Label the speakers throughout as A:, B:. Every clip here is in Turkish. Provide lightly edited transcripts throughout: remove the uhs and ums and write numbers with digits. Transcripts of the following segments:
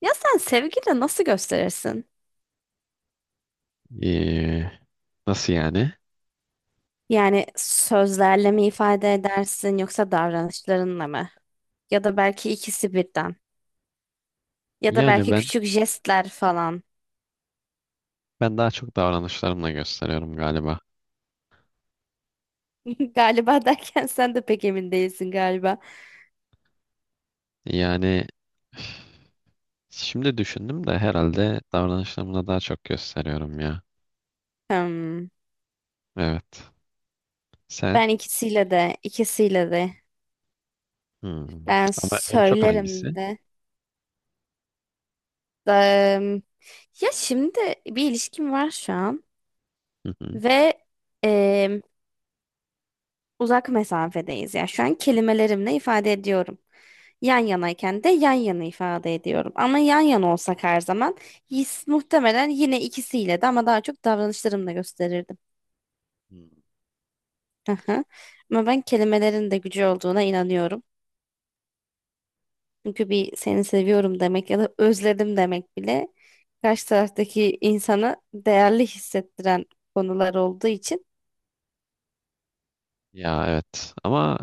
A: Ya sen sevgiyle nasıl gösterirsin?
B: Ee, nasıl yani?
A: Yani sözlerle mi ifade edersin yoksa davranışlarınla mı? Ya da belki ikisi birden. Ya da
B: Yani
A: belki
B: ben
A: küçük jestler falan.
B: ben daha çok davranışlarımla gösteriyorum galiba.
A: Galiba derken sen de pek emin değilsin galiba.
B: Yani şimdi düşündüm de herhalde davranışlarımla daha çok gösteriyorum ya.
A: Hmm.
B: Evet. Sen?
A: Ben ikisiyle de, ikisiyle de.
B: Hmm.
A: Ben
B: Ama en çok
A: söylerim
B: hangisi?
A: de. Da- Ya şimdi bir ilişkim var şu an
B: Hı hı.
A: ve em, uzak mesafedeyiz ya. Şu an kelimelerimle ifade ediyorum. Yan yanayken de yan yana ifade ediyorum. Ama yan yana olsak her zaman his, muhtemelen yine ikisiyle de ama daha çok davranışlarımla gösterirdim.
B: Hmm.
A: Aha. Ama ben kelimelerin de gücü olduğuna inanıyorum. Çünkü bir seni seviyorum demek ya da özledim demek bile karşı taraftaki insanı değerli hissettiren konular olduğu için
B: Ya evet. Ama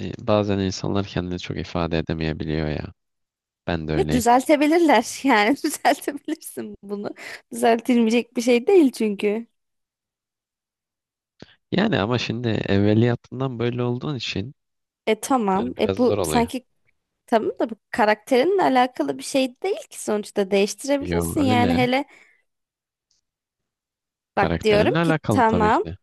B: bazen insanlar kendini çok ifade edemeyebiliyor ya. Ben de
A: ya
B: öyleyim.
A: düzeltebilirler yani düzeltebilirsin bunu. Düzeltilmeyecek bir şey değil çünkü.
B: Yani ama şimdi evveliyatından böyle olduğun için
A: E tamam.
B: yani
A: E
B: biraz zor
A: bu
B: oluyor.
A: sanki tamam da bu karakterinle alakalı bir şey değil ki sonuçta
B: Yo
A: değiştirebilirsin. Yani
B: öyle.
A: hele bak diyorum
B: Karakterinle
A: ki
B: alakalı tabii ki
A: tamam
B: de.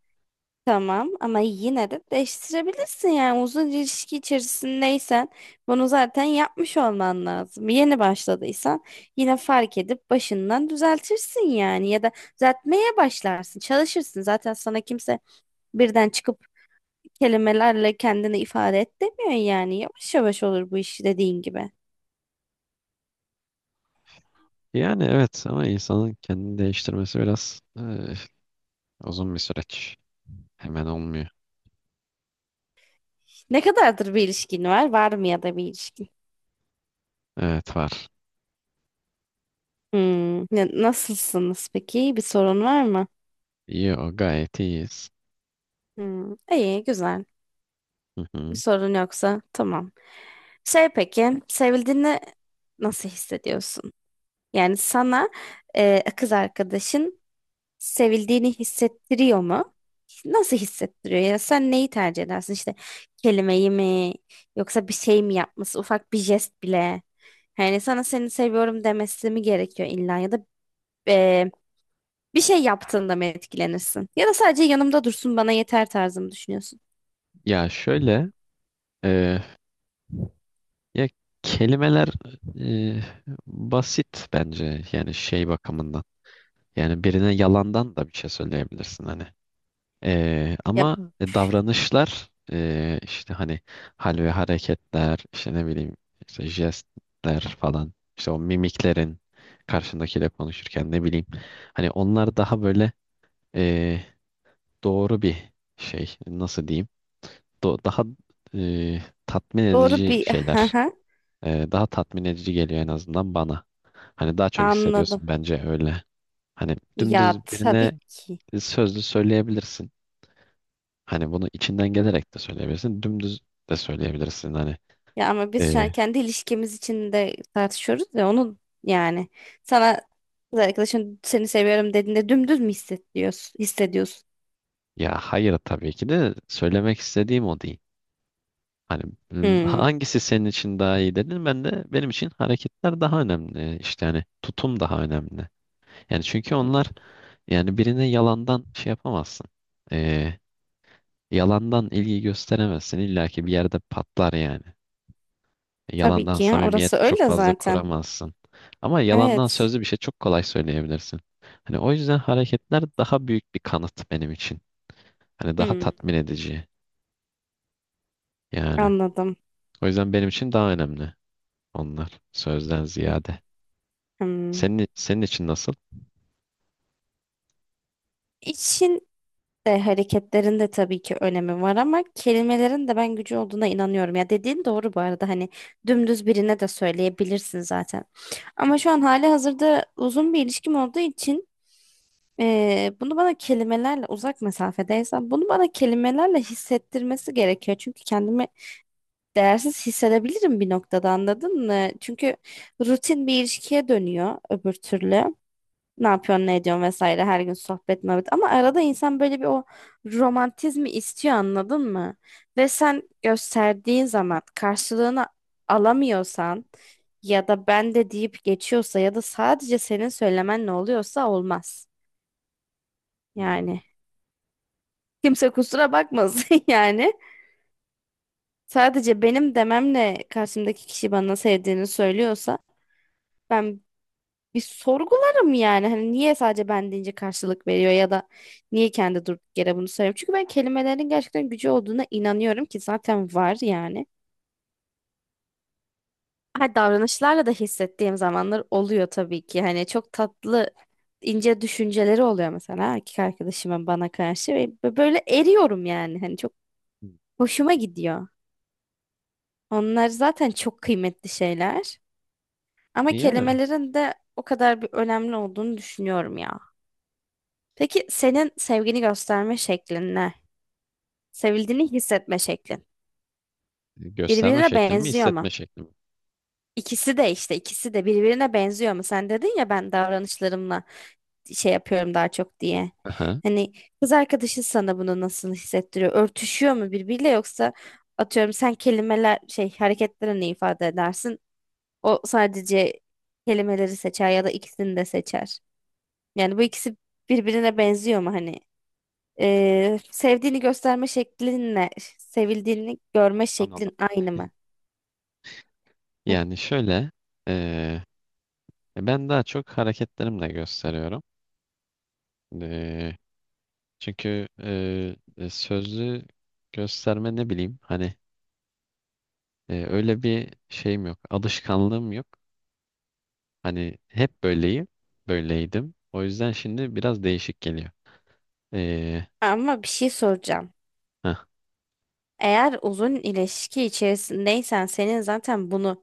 A: tamam ama yine de değiştirebilirsin. Yani uzun ilişki içerisindeysen bunu zaten yapmış olman lazım. Yeni başladıysan yine fark edip başından düzeltirsin yani ya da düzeltmeye başlarsın, çalışırsın. Zaten sana kimse birden çıkıp kelimelerle kendini ifade et demiyor yani. Yavaş yavaş olur bu iş dediğin gibi.
B: Yani evet ama insanın kendini değiştirmesi biraz uzun bir süreç. Hemen olmuyor.
A: Ne kadardır bir ilişkin var? Var mı ya da bir ilişkin?
B: Evet var.
A: Hmm. Ne- Nasılsınız peki? Bir sorun var mı?
B: İyi o gayet iyiyiz.
A: Hmm. İyi, güzel.
B: Hı
A: Bir
B: hı.
A: sorun yoksa tamam. Şey peki, sevildiğini nasıl hissediyorsun? Yani sana kız arkadaşın sevildiğini hissettiriyor mu? Nasıl hissettiriyor? Yani sen neyi tercih edersin? İşte kelimeyi mi? Yoksa bir şey mi yapması? Ufak bir jest bile. Yani sana seni seviyorum demesi mi gerekiyor illa ya da bir şey yaptığında mı etkilenirsin? Ya da sadece yanımda dursun bana yeter tarzı mı düşünüyorsun?
B: Ya şöyle, eh, ya kelimeler, eh, basit bence yani şey bakımından. Yani birine yalandan da bir şey söyleyebilirsin hani.
A: Ya
B: Ama davranışlar, işte hani hal ve hareketler, işte ne bileyim, işte jestler falan, işte o mimiklerin karşındakiyle konuşurken, ne bileyim, hani onlar daha böyle ee, doğru bir şey, nasıl diyeyim, daha tatmin
A: doğru
B: edici
A: bir hı
B: şeyler.
A: hı,
B: Daha tatmin edici geliyor en azından bana. Hani daha çok
A: anladım.
B: hissediyorsun bence öyle. Hani
A: Ya
B: dümdüz
A: tabii
B: birine
A: ki.
B: sözlü söyleyebilirsin. Hani bunu içinden gelerek de söyleyebilirsin. Dümdüz de söyleyebilirsin. Hani
A: Ya ama biz şu an
B: e,
A: kendi ilişkimiz içinde tartışıyoruz ve onun yani sana kız arkadaşın seni seviyorum dediğinde dümdüz mü hissediyorsun? Hissediyorsun.
B: ya hayır, tabii ki de söylemek istediğim o değil. Hani
A: Hmm,
B: hangisi senin için daha iyi dedin? Ben de benim için hareketler daha önemli. İşte hani tutum daha önemli. Yani çünkü onlar, yani birine yalandan şey yapamazsın. E, yalandan ilgi gösteremezsin. İlla ki bir yerde patlar yani.
A: tabii
B: Yalandan
A: ki ya orası
B: samimiyet çok
A: öyle
B: fazla
A: zaten.
B: kuramazsın. Ama yalandan
A: Evet.
B: sözlü bir şey çok kolay söyleyebilirsin. Hani o yüzden hareketler daha büyük bir kanıt benim için. Hani daha
A: Hmm,
B: tatmin edici yani.
A: anladım.
B: O yüzden benim için daha önemli onlar sözden ziyade.
A: Hmm.
B: Senin için nasıl?
A: İçin de hareketlerin de tabii ki önemi var ama kelimelerin de ben gücü olduğuna inanıyorum. Ya dediğin doğru bu arada hani dümdüz birine de söyleyebilirsin zaten. Ama şu an hali hazırda uzun bir ilişkim olduğu için bunu bana kelimelerle uzak mesafedeysem bunu bana kelimelerle hissettirmesi gerekiyor. Çünkü kendimi değersiz hissedebilirim bir noktada anladın mı? Çünkü rutin bir ilişkiye dönüyor öbür türlü. Ne yapıyorsun, ne ediyorsun vesaire her gün sohbet muhabbet. Ama arada insan böyle bir o romantizmi istiyor anladın mı? Ve sen gösterdiğin zaman karşılığını alamıyorsan ya da ben de deyip geçiyorsa ya da sadece senin söylemen ne oluyorsa olmaz.
B: Hmm.
A: Yani kimse kusura bakmasın yani. Sadece benim dememle karşımdaki kişi bana sevdiğini söylüyorsa ben bir sorgularım yani. Hani niye sadece ben deyince karşılık veriyor ya da niye kendi durduk yere bunu söylüyor. Çünkü ben kelimelerin gerçekten gücü olduğuna inanıyorum ki zaten var yani. Ha, davranışlarla da hissettiğim zamanlar oluyor tabii ki. Hani çok tatlı ince düşünceleri oluyor mesela erkek arkadaşımın bana karşı ve böyle eriyorum yani. Hani çok hoşuma gidiyor. Onlar zaten çok kıymetli şeyler. Ama
B: Yani
A: kelimelerin de o kadar bir önemli olduğunu düşünüyorum ya. Peki senin sevgini gösterme şeklin ne? Sevildiğini hissetme şeklin.
B: gösterme
A: Birbirine
B: şekli mi,
A: benziyor
B: hissetme
A: mu?
B: şekli mi?
A: İkisi de işte ikisi de birbirine benziyor mu? Sen dedin ya ben davranışlarımla şey yapıyorum daha çok diye.
B: Aha.
A: Hani kız arkadaşın sana bunu nasıl hissettiriyor? Örtüşüyor mu birbiriyle yoksa atıyorum sen kelimeler şey hareketlerini ifade edersin. O sadece kelimeleri seçer ya da ikisini de seçer. Yani bu ikisi birbirine benziyor mu hani? Sevdiğini gösterme şeklinle sevildiğini görme
B: Anladım.
A: şeklin aynı mı? Heh.
B: Yani şöyle, eee, ben daha çok hareketlerimle gösteriyorum. Eee, Çünkü sözlü gösterme, ne bileyim hani, öyle bir şeyim yok. Alışkanlığım yok. Hani hep böyleyim. Böyleydim. O yüzden şimdi biraz değişik geliyor. E,
A: Ama bir şey soracağım.
B: heh,
A: Eğer uzun ilişki içerisindeysen senin zaten bunu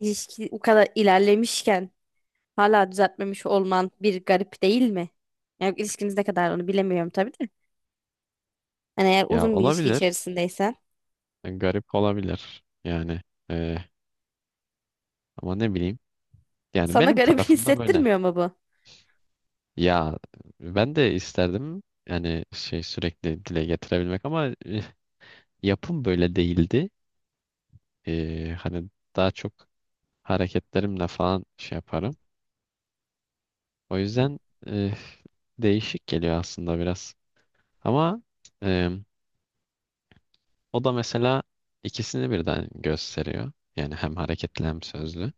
A: ilişki bu kadar ilerlemişken hala düzeltmemiş olman bir garip değil mi? Yani ilişkiniz ne kadar onu bilemiyorum tabii de. Hani eğer
B: ya
A: uzun bir ilişki
B: olabilir.
A: içerisindeysen
B: Garip olabilir. Yani, e, ama ne bileyim. Yani
A: sana
B: benim
A: garip
B: tarafımda böyle.
A: hissettirmiyor mu bu?
B: Ya ben de isterdim yani şey, sürekli dile getirebilmek, ama yapım böyle değildi. Hani daha çok hareketlerimle falan şey yaparım. O yüzden eh, değişik geliyor aslında biraz. Ama eh, o da mesela ikisini birden gösteriyor. Yani hem hareketli hem sözlü.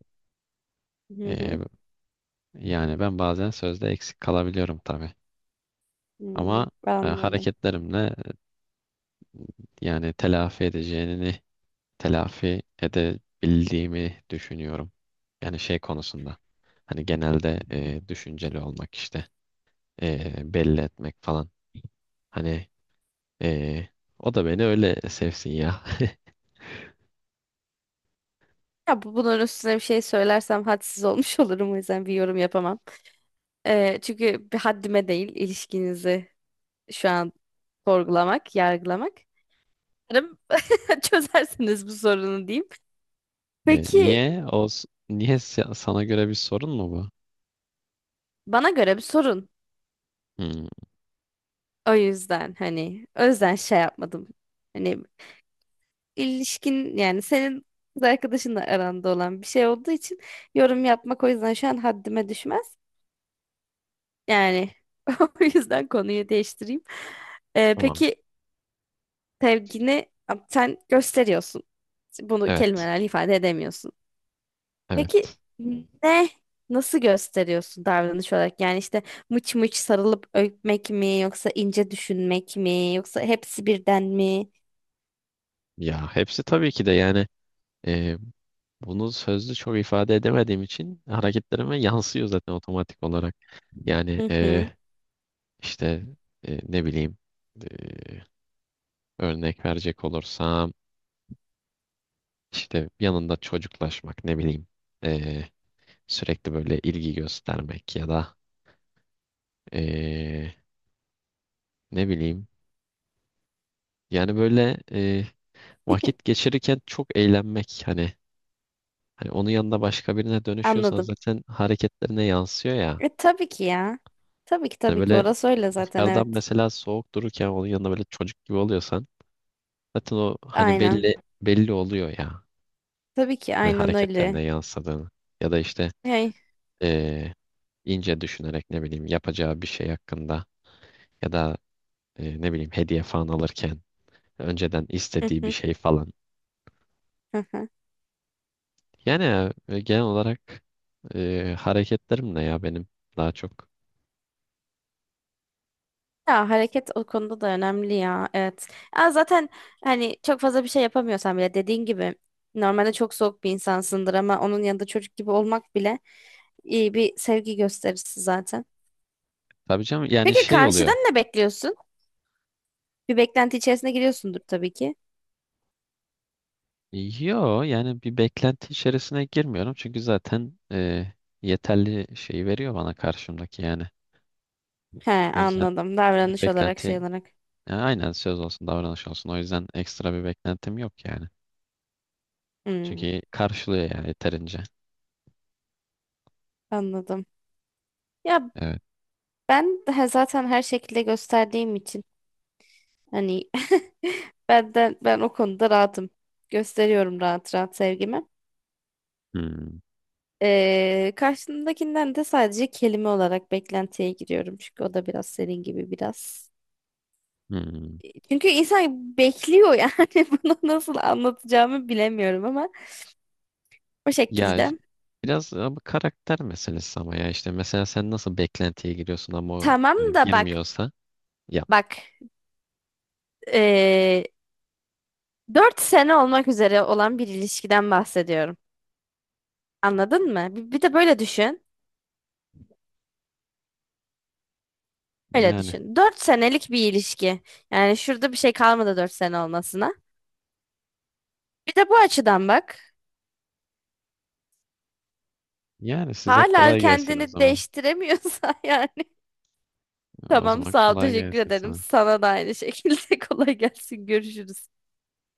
A: Hı
B: Eh,
A: hı.
B: yani ben bazen sözde eksik kalabiliyorum tabii.
A: Hmm,
B: Ama
A: anladım.
B: hareketlerimle, yani telafi edeceğini, telafi edebildiğimi düşünüyorum. Yani şey konusunda. Hani genelde düşünceli olmak, işte belli etmek falan. Hani Ee, o da beni öyle sevsin ya.
A: Ya bu, bunun üstüne bir şey söylersem hadsiz olmuş olurum o yüzden bir yorum yapamam. Çünkü bir haddime değil ilişkinizi şu an sorgulamak, yargılamak. Umarım çözersiniz bu sorunu diyeyim. Peki
B: Niye? O s- niye se- Sana göre bir sorun mu bu?
A: bana göre bir sorun.
B: Hmm,
A: O yüzden hani o yüzden şey yapmadım. Hani ilişkin yani senin kız arkadaşınla aranda olan bir şey olduğu için yorum yapmak o yüzden şu an haddime düşmez. Yani o yüzden konuyu değiştireyim.
B: tamam.
A: Peki sevgini sen gösteriyorsun. Bunu
B: Evet.
A: kelimelerle ifade edemiyorsun. Peki
B: Evet.
A: ne nasıl gösteriyorsun davranış olarak? Yani işte mıç mıç sarılıp öpmek mi yoksa ince düşünmek mi yoksa hepsi birden mi?
B: Ya hepsi tabii ki de, yani e, bunu sözlü çok ifade edemediğim için hareketlerime yansıyor zaten otomatik olarak. Yani,
A: Hı hı.
B: işte ne bileyim, e, örnek verecek olursam, işte yanında çocuklaşmak, ne bileyim, e, sürekli böyle ilgi göstermek, ya da e, ne bileyim, yani böyle, vakit geçirirken çok eğlenmek, hani, hani onun yanında başka birine dönüşüyorsan
A: Anladım.
B: zaten hareketlerine yansıyor ya.
A: E, tabii ki ya. Tabii ki
B: Hani
A: tabii ki
B: böyle
A: orası öyle zaten
B: dışarıdan
A: evet.
B: mesela soğuk dururken onun yanında böyle çocuk gibi oluyorsan zaten o hani
A: Aynen.
B: belli, belli oluyor ya.
A: Tabii ki
B: Hani
A: aynen öyle.
B: hareketlerine yansıdığını, ya da işte
A: Hey.
B: e, ince düşünerek, ne bileyim, yapacağı bir şey hakkında, ya da ne bileyim, hediye falan alırken önceden
A: Hı
B: istediği bir
A: hı,
B: şey falan.
A: hı hı.
B: Yani genel olarak hareketlerim ne ya benim, daha çok.
A: Ya hareket o konuda da önemli ya. Evet. Ya zaten hani çok fazla bir şey yapamıyorsan bile dediğin gibi normalde çok soğuk bir insansındır ama onun yanında çocuk gibi olmak bile iyi bir sevgi gösterisi zaten.
B: Tabii canım, yani
A: Peki
B: şey oluyor.
A: karşıdan ne bekliyorsun? Bir beklenti içerisine giriyorsundur tabii ki.
B: Yo yani bir beklenti içerisine girmiyorum çünkü zaten yeterli şeyi veriyor bana karşımdaki yani.
A: He
B: O yüzden
A: anladım.
B: bir
A: Davranış olarak şey
B: beklenti,
A: olarak.
B: ya aynen, söz olsun davranış olsun. O yüzden ekstra bir beklentim yok yani.
A: Hmm,
B: Çünkü karşılıyor yani yeterince.
A: anladım. Ya
B: Evet.
A: ben daha zaten her şekilde gösterdiğim için hani benden ben o konuda rahatım. Gösteriyorum rahat rahat sevgimi.
B: Hmm.
A: Karşımdakinden de sadece kelime olarak beklentiye giriyorum. Çünkü o da biraz senin gibi biraz.
B: Hmm.
A: Çünkü insan bekliyor yani bunu nasıl anlatacağımı bilemiyorum ama o
B: Ya ş-
A: şekilde.
B: Biraz ama karakter meselesi, ama ya işte mesela sen nasıl beklentiye giriyorsun ama o
A: Tamam da bak
B: girmiyorsa yap.
A: bak ee, 4 sene olmak üzere olan bir ilişkiden bahsediyorum. Anladın mı? Bir de böyle düşün. Öyle
B: Yani
A: düşün. 4 senelik bir ilişki. Yani şurada bir şey kalmadı 4 sene olmasına. Bir de bu açıdan bak.
B: yani size
A: Hala
B: kolay gelsin o
A: kendini
B: zaman.
A: değiştiremiyorsa yani
B: O
A: tamam
B: zaman
A: sağ ol
B: kolay
A: teşekkür
B: gelsin
A: ederim.
B: sana.
A: Sana da aynı şekilde kolay gelsin görüşürüz.